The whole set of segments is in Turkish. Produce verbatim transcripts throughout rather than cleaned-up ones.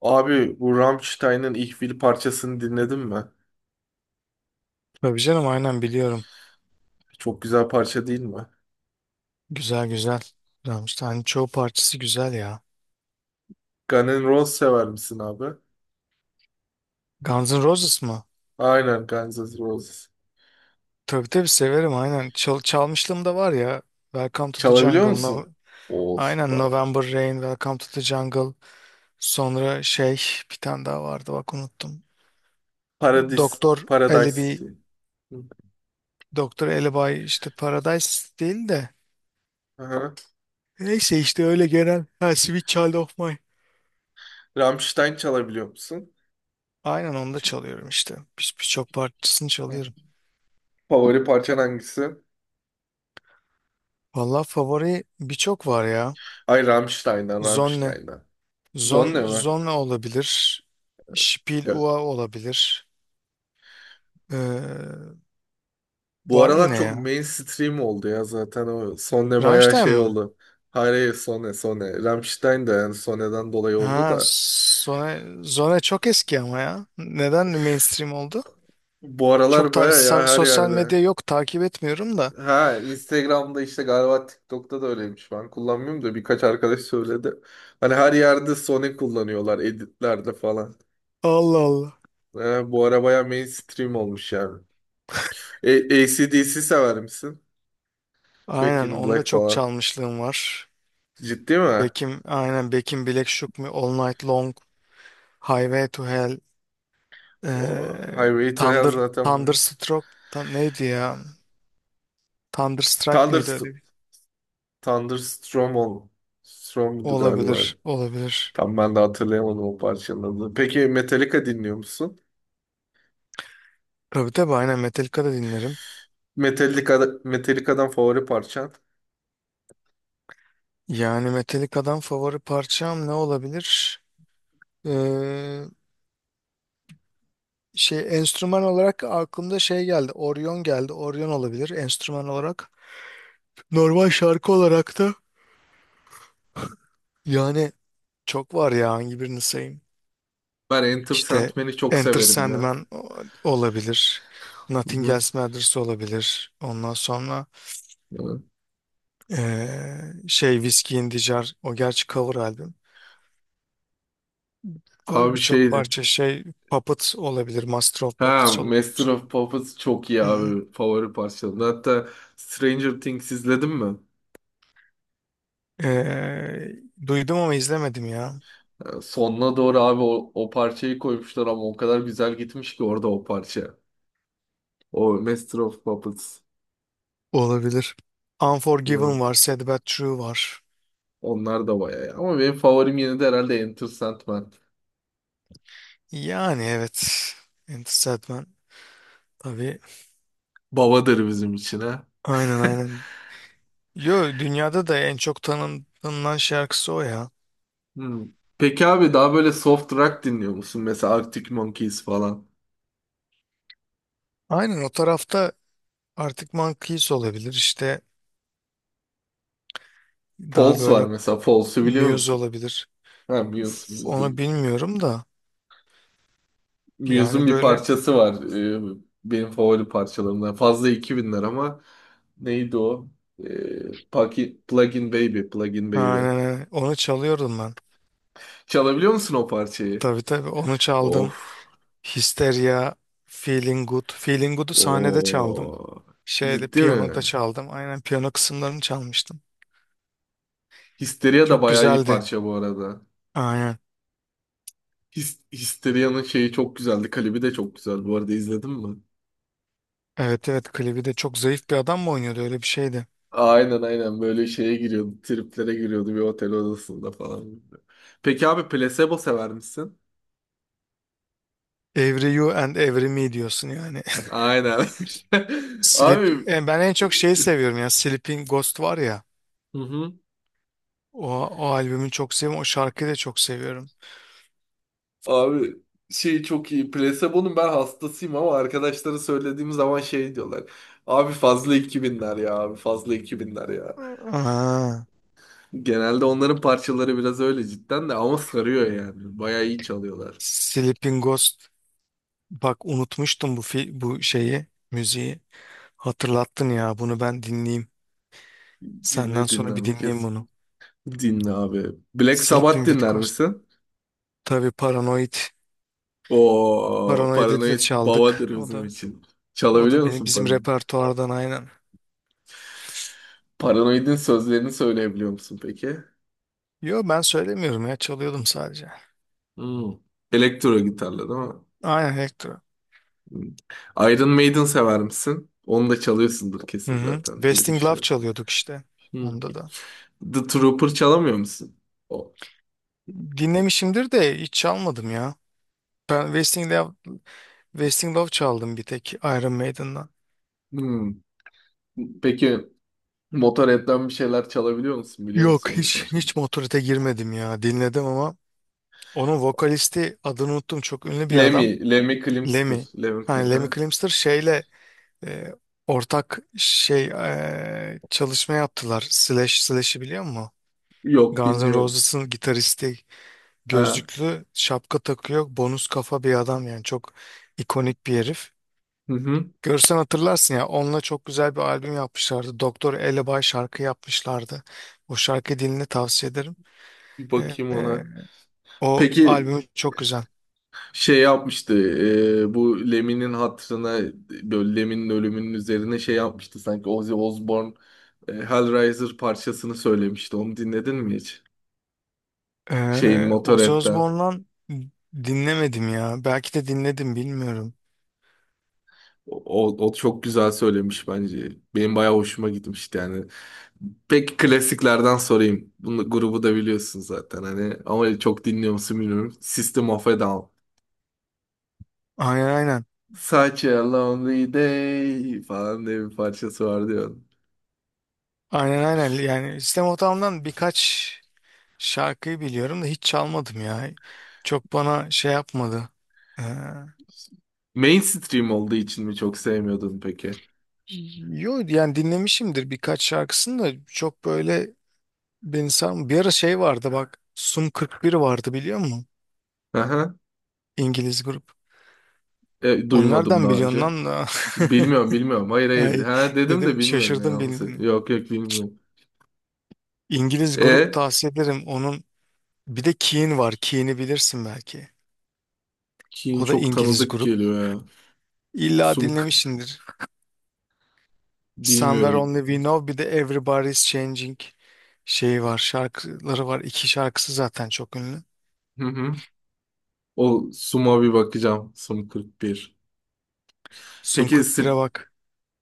Abi bu Rammstein'ın Ich Will parçasını dinledin mi? Tabii canım aynen biliyorum. Çok güzel parça değil mi? Güzel güzel. Güzelmiş. Hani çoğu parçası güzel ya. Guns N' Roses sever misin abi? Guns N' Roses mı? Aynen Guns N' Roses. Tabii tabii severim aynen. Çal çalmışlığım da var ya. Welcome to the Çalabiliyor Jungle. No, musun? Oo aynen süper. November Rain, Welcome to the Jungle. Sonra şey bir tane daha vardı bak unuttum. Paradis. Doktor Paradise City. Alibi, Hı. Doktor Alibi işte Paradise değil de. Aha. Neyse işte öyle genel. Ha, Sweet Child of Mine. Rammstein çalabiliyor musun? Aynen onu da çalıyorum işte. Bir- Birçok parçasını çalıyorum. Favori parçan hangisi? Vallahi favori birçok var ya. Ay Rammstein'dan Zonne. Rammstein'dan. Zon, Zonne mi? Zonne olabilir. Spiel Yok. Ua olabilir. Ee, Bu Var aralar yine çok ya. mainstream oldu ya zaten o Sonne bayağı Rammstein şey mı? oldu. Hayır, hayır, Sonne, Sonne. Rammstein de yani Sonne'den dolayı oldu Ha, da. Zone, Zone çok eski ama ya. Neden mainstream oldu? Bu Çok aralar ta- baya ya sa- her sosyal yerde. medya yok, takip etmiyorum da. Ha, Instagram'da işte galiba TikTok'ta da öyleymiş. Ben kullanmıyorum da birkaç arkadaş söyledi. Hani her yerde Sony kullanıyorlar editlerde falan. Allah Allah. Ha, bu ara baya mainstream olmuş yani. E A C/D C sever misin? Back Aynen in Black onda çok falan. çalmışlığım var. Ciddi mi? Bekim aynen Bekim Black Shook Me, All Night Long, Highway to Hell, O ee, Highway to Hell Thunder, zaten bu. Thunderstruck, Tan- neydi ya? Thunderstruck mıydı Thunderst öyle? Thunderstorm ol. Storm'du galiba. Olabilir, olabilir. Tam ben de hatırlayamadım o parçanın adını. Peki Metallica dinliyor musun? Tabii tabii aynen Metallica da dinlerim. Metallica'da, Metallica'dan favori parçan. Yani Metallica'dan favori parçam ne olabilir? Ee, Şey, enstrüman olarak aklımda şey geldi. Orion geldi. Orion olabilir enstrüman olarak. Normal şarkı olarak da yani çok var ya, hangi birini sayayım? Ben Enter İşte Sandman'i çok Enter severim ya. Sandman o- olabilir. Hı Nothing hı. Else Matters olabilir. Ondan sonra Evet. ee, şey, Whiskey in the Jar, o gerçi cover albüm. Var Abi birçok şeydi. parça, şey, Puppet olabilir. Master of Ha, Puppets olabilir. Master of Puppets çok iyi Hı. abi. Favori parçalarım. Hatta Stranger Things izledin mi? Ee, Duydum ama izlemedim ya. Ha, sonuna doğru abi o, o parçayı koymuşlar ama o kadar güzel gitmiş ki orada o parça. O Master of Puppets. Olabilir. Ya, Unforgiven var. Sad But True var. onlar da bayağı iyi. Ama benim favorim yine de herhalde Enter Sandman. Yani evet. Enter Sandman. Tabii. Babadır bizim için ha. Aynen aynen. Yo, dünyada da en çok tanın, tanınan şarkısı o ya. Hmm. Peki abi daha böyle soft rock dinliyor musun? Mesela Arctic Monkeys falan. Aynen o tarafta artık Monkeys olabilir. İşte daha False var böyle mesela. False'u biliyor Muse musun? olabilir. Ha, Muse. Üf, Muse'dur. onu bilmiyorum da. Muse'un Yani bir böyle, parçası var. Ee, benim favori parçalarımdan. Fazla iki binler ama neydi o? Ee, Paki- Plug in Baby. Plug in Baby. aynen aynen. Onu çalıyordum ben. Çalabiliyor musun o parçayı? Tabii tabii onu çaldım. Of. Hysteria, Feeling Good. Feeling Good'u sahnede çaldım. Oo. Şeyde, Ciddi mi? piyanoda çaldım. Aynen piyano kısımlarını çalmıştım. Histeria da Çok bayağı iyi güzeldi. parça bu arada. Aynen. His Histeria'nın şeyi çok güzeldi. Klibi de çok güzel. Bu arada izledin mi? Evet evet, klibi de, çok zayıf bir adam mı oynuyordu, öyle bir şeydi. Aynen aynen böyle şeye giriyordu, triplere giriyordu bir otel odasında falan. Peki abi placebo sever misin? Every You and Every Me diyorsun yani. Aynen. Sleep, Abi. E, ben en çok şeyi seviyorum ya, Sleeping Ghost var ya. Hı hı. O, o albümü çok seviyorum. O şarkıyı da çok seviyorum. Abi şey çok iyi. Placebo'nun ben hastasıyım ama arkadaşlara söylediğim zaman şey diyorlar. Abi fazla iki binler ya abi fazla iki binler ya. Aa, Genelde onların parçaları biraz öyle cidden de ama sarıyor yani. Bayağı iyi çalıyorlar. Sleeping Ghost. Bak, unutmuştum bu fi- bu şeyi, müziği. Hatırlattın ya, bunu ben dinleyeyim. Senden Dinle dinle sonra bir bu dinleyeyim kez. bunu. Dinle abi. Black Sabbath Sleeping with dinler Ghost. misin? Tabii, Paranoid. O Paranoid'i de paranoid çaldık. babadır O bizim da için. o da Çalabiliyor beni, musun bizim paranoid? repertuardan aynen. Paranoid'in sözlerini söyleyebiliyor musun peki? Yo, ben söylemiyorum ya, çalıyordum sadece. Hmm. Elektro gitarla değil mi? Aynen, elektro. Hmm. Iron Maiden sever misin? Onu da çalıyorsundur Hı kesin hı. zaten diye Wasting Love düşünüyorum. çalıyorduk işte. Hmm. Onda da. The Trooper çalamıyor musun? O. Dinlemişimdir de hiç çalmadım ya. Ben Wasting Love, Wasting Love çaldım bir tek Iron Maiden'dan. Hmm. Peki Motorhead'den bir şeyler çalabiliyor musun? Biliyor Yok, musun onun hiç parçasını? hiç Motorhead'e girmedim ya. Dinledim ama onun vokalisti, adını unuttum, çok ünlü bir adam. Lemmy, Lemmy Kilmister. Lemmy. Lemmy, Hani Kil- Lemmy ha? Kilmister şeyle, e, ortak şey, e, çalışma yaptılar. Slash Slash'i biliyor musun? Yok Guns N' bilmiyorum. Roses'ın gitaristi, Ha. gözlüklü, şapka takıyor. Bonus kafa bir adam yani, çok ikonik bir herif. Hı hı. Görsen hatırlarsın ya, onunla çok güzel bir albüm yapmışlardı. Doktor Elebay şarkı yapmışlardı. O şarkı dilini tavsiye ederim. Bir E, bakayım ona. e, O Peki albüm çok güzel. şey yapmıştı, e, bu Lemin'in hatırına böyle Lemin'in ölümünün üzerine şey yapmıştı sanki Ozzy Osbourne, e, Hellraiser parçasını söylemişti onu dinledin mi hiç? Şeyin Ee, Ozzy Motorhead'den. Osbourne'dan dinlemedim ya. Belki de dinledim bilmiyorum. O, o çok güzel söylemiş bence. Benim bayağı hoşuma gitmişti yani. Peki klasiklerden sorayım. Bunu grubu da biliyorsun zaten hani ama çok dinliyor musun bilmiyorum. System of a Down. Aynen aynen. Such a lonely day falan diye bir parçası vardı ya. Aynen aynen. Yani System of Down'dan birkaç şarkıyı biliyorum da hiç çalmadım ya. Çok bana şey yapmadı. Ee, Mainstream olduğu için mi çok sevmiyordun peki? Yo yani, dinlemişimdir birkaç şarkısını da çok böyle beni sarm- Bir ara şey vardı bak. Sum kırk bir vardı, biliyor musun? Aha, İngiliz grup. e, duymadım Onlardan daha biliyorsun önce. lan da. Bilmiyorum bilmiyorum. Hayır hayır. Ay, Ha dedim de dedim, bilmiyorum yani. şaşırdım Onu se- bildiğini. Yok yok bilmiyorum. İngiliz grup, E, tavsiye ederim. Onun bir de Keane var. Keane'i bilirsin belki. Keen O da çok İngiliz tanıdık grup. geliyor ya. İlla Sum dinlemişsindir. Somewhere bilmiyorum. Only We Know, bir de Everybody's Changing şeyi var. Şarkıları var. İki şarkısı zaten çok ünlü. Hı hı. O Sum'a bir bakacağım. Sum kırk bir. Sun Peki sırf kırk bire bak.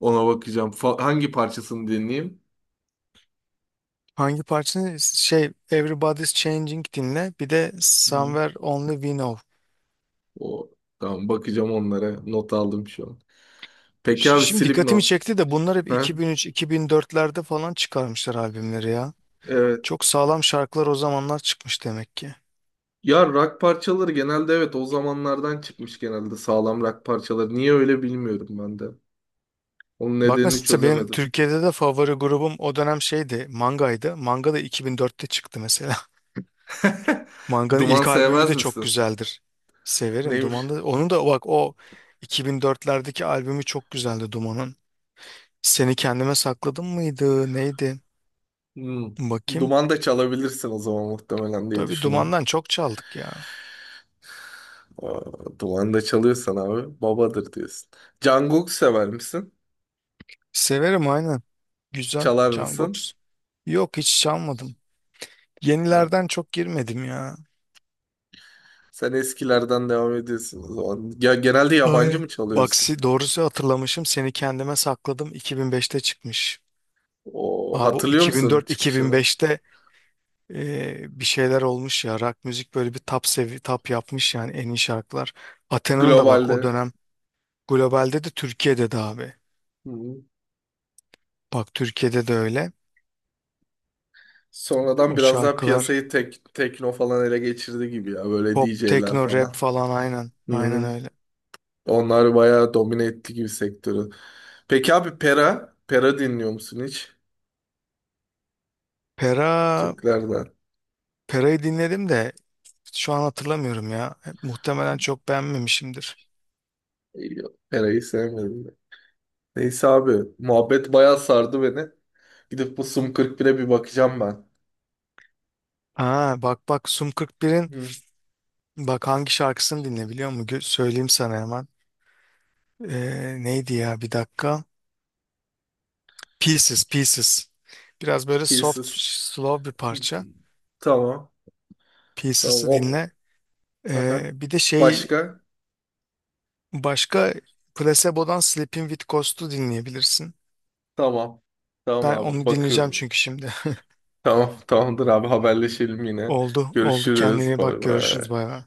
ona bakacağım. Fa- hangi parçasını dinleyeyim? Hangi parçanı? Şey, Everybody's Changing dinle. Bir de Hı. Somewhere Only We Know. O tamam, bakacağım onlara. Not aldım şu an. Peki Ş- abi Şimdi dikkatimi Slipknot. çekti de, bunlar hep Ha? iki bin üç iki bin dörtlerde falan çıkarmışlar albümleri ya. Evet. Çok sağlam şarkılar o zamanlar çıkmış demek ki. Ya rock parçaları genelde evet o zamanlardan çıkmış genelde sağlam rock parçaları. Niye öyle bilmiyorum ben de. Onun Bak nedenini mesela benim çözemedim. Türkiye'de de favori grubum o dönem şeydi, Manga'ydı. Manga da iki bin dörtte çıktı mesela. Manga'nın Duman ilk albümü sevmez de çok misin? güzeldir. Severim Neymiş? Duman'da. Onu da bak, o iki bin dörtlerdeki albümü çok güzeldi Duman'ın. Seni Kendime Sakladım mıydı? Neydi? Hmm. Bakayım. Duman da çalabilirsin o zaman muhtemelen diye Tabii, düşünüyorum. Duman'dan çok çaldık ya. Aa, duman da çalıyorsan abi babadır diyorsun. Jungkook sever misin? Severim aynen. Güzel. Çalar mısın? Canbox. Yok, hiç çalmadım. Ha, Yenilerden çok girmedim ya. sen eskilerden devam ediyorsun o zaman. Ya genelde yabancı Aynen. mı Bak çalıyorsun? si- doğrusu, hatırlamışım, Seni Kendime Sakladım iki bin beşte çıkmış. O Abi bu hatırlıyor musun çıkışını? iki bin dört iki bin beşte e, bir şeyler olmuş ya rock müzik, böyle bir tap sevi tap yapmış yani, en iyi şarkılar. Athena'nın da bak o Globalde. dönem, globalde de Türkiye'de de abi. Hı. Bak Türkiye'de de öyle. Sonradan O biraz daha şarkılar piyasayı tek, tekno falan ele geçirdi gibi ya. Böyle pop, D J'ler tekno, rap falan. falan aynen. Aynen Hı. öyle. Onlar bayağı domine etti gibi sektörü. Peki abi Pera? Pera dinliyor musun hiç? Pera, Türklerden. Pera'yı dinledim de şu an hatırlamıyorum ya. Muhtemelen çok beğenmemişimdir. İyi, Pera'yı sevmedim ben. Neyse abi. Muhabbet bayağı sardı beni. Gidip bu Sum kırk bire bir bakacağım ben. Ha, bak bak, Sum kırk birin. Hı. Bak, hangi şarkısını dinle biliyor musun? Gö- Söyleyeyim sana hemen. Ee, neydi ya, bir dakika. Pieces, Pieces. Biraz böyle soft, Pieces. slow bir Hı. parça. Tamam. Tamam. Pieces'ı O. dinle. Aha. Ee, bir de şey, Başka? başka Placebo'dan Sleeping With Ghosts'u dinleyebilirsin. Tamam. Tamam Ben abi. onu dinleyeceğim Bakıyorum. çünkü şimdi. Tamam, tamamdır abi haberleşelim yine. Oldu, oldu. Kendine Görüşürüz. iyi bak, Bay görüşürüz, bay. bay bay.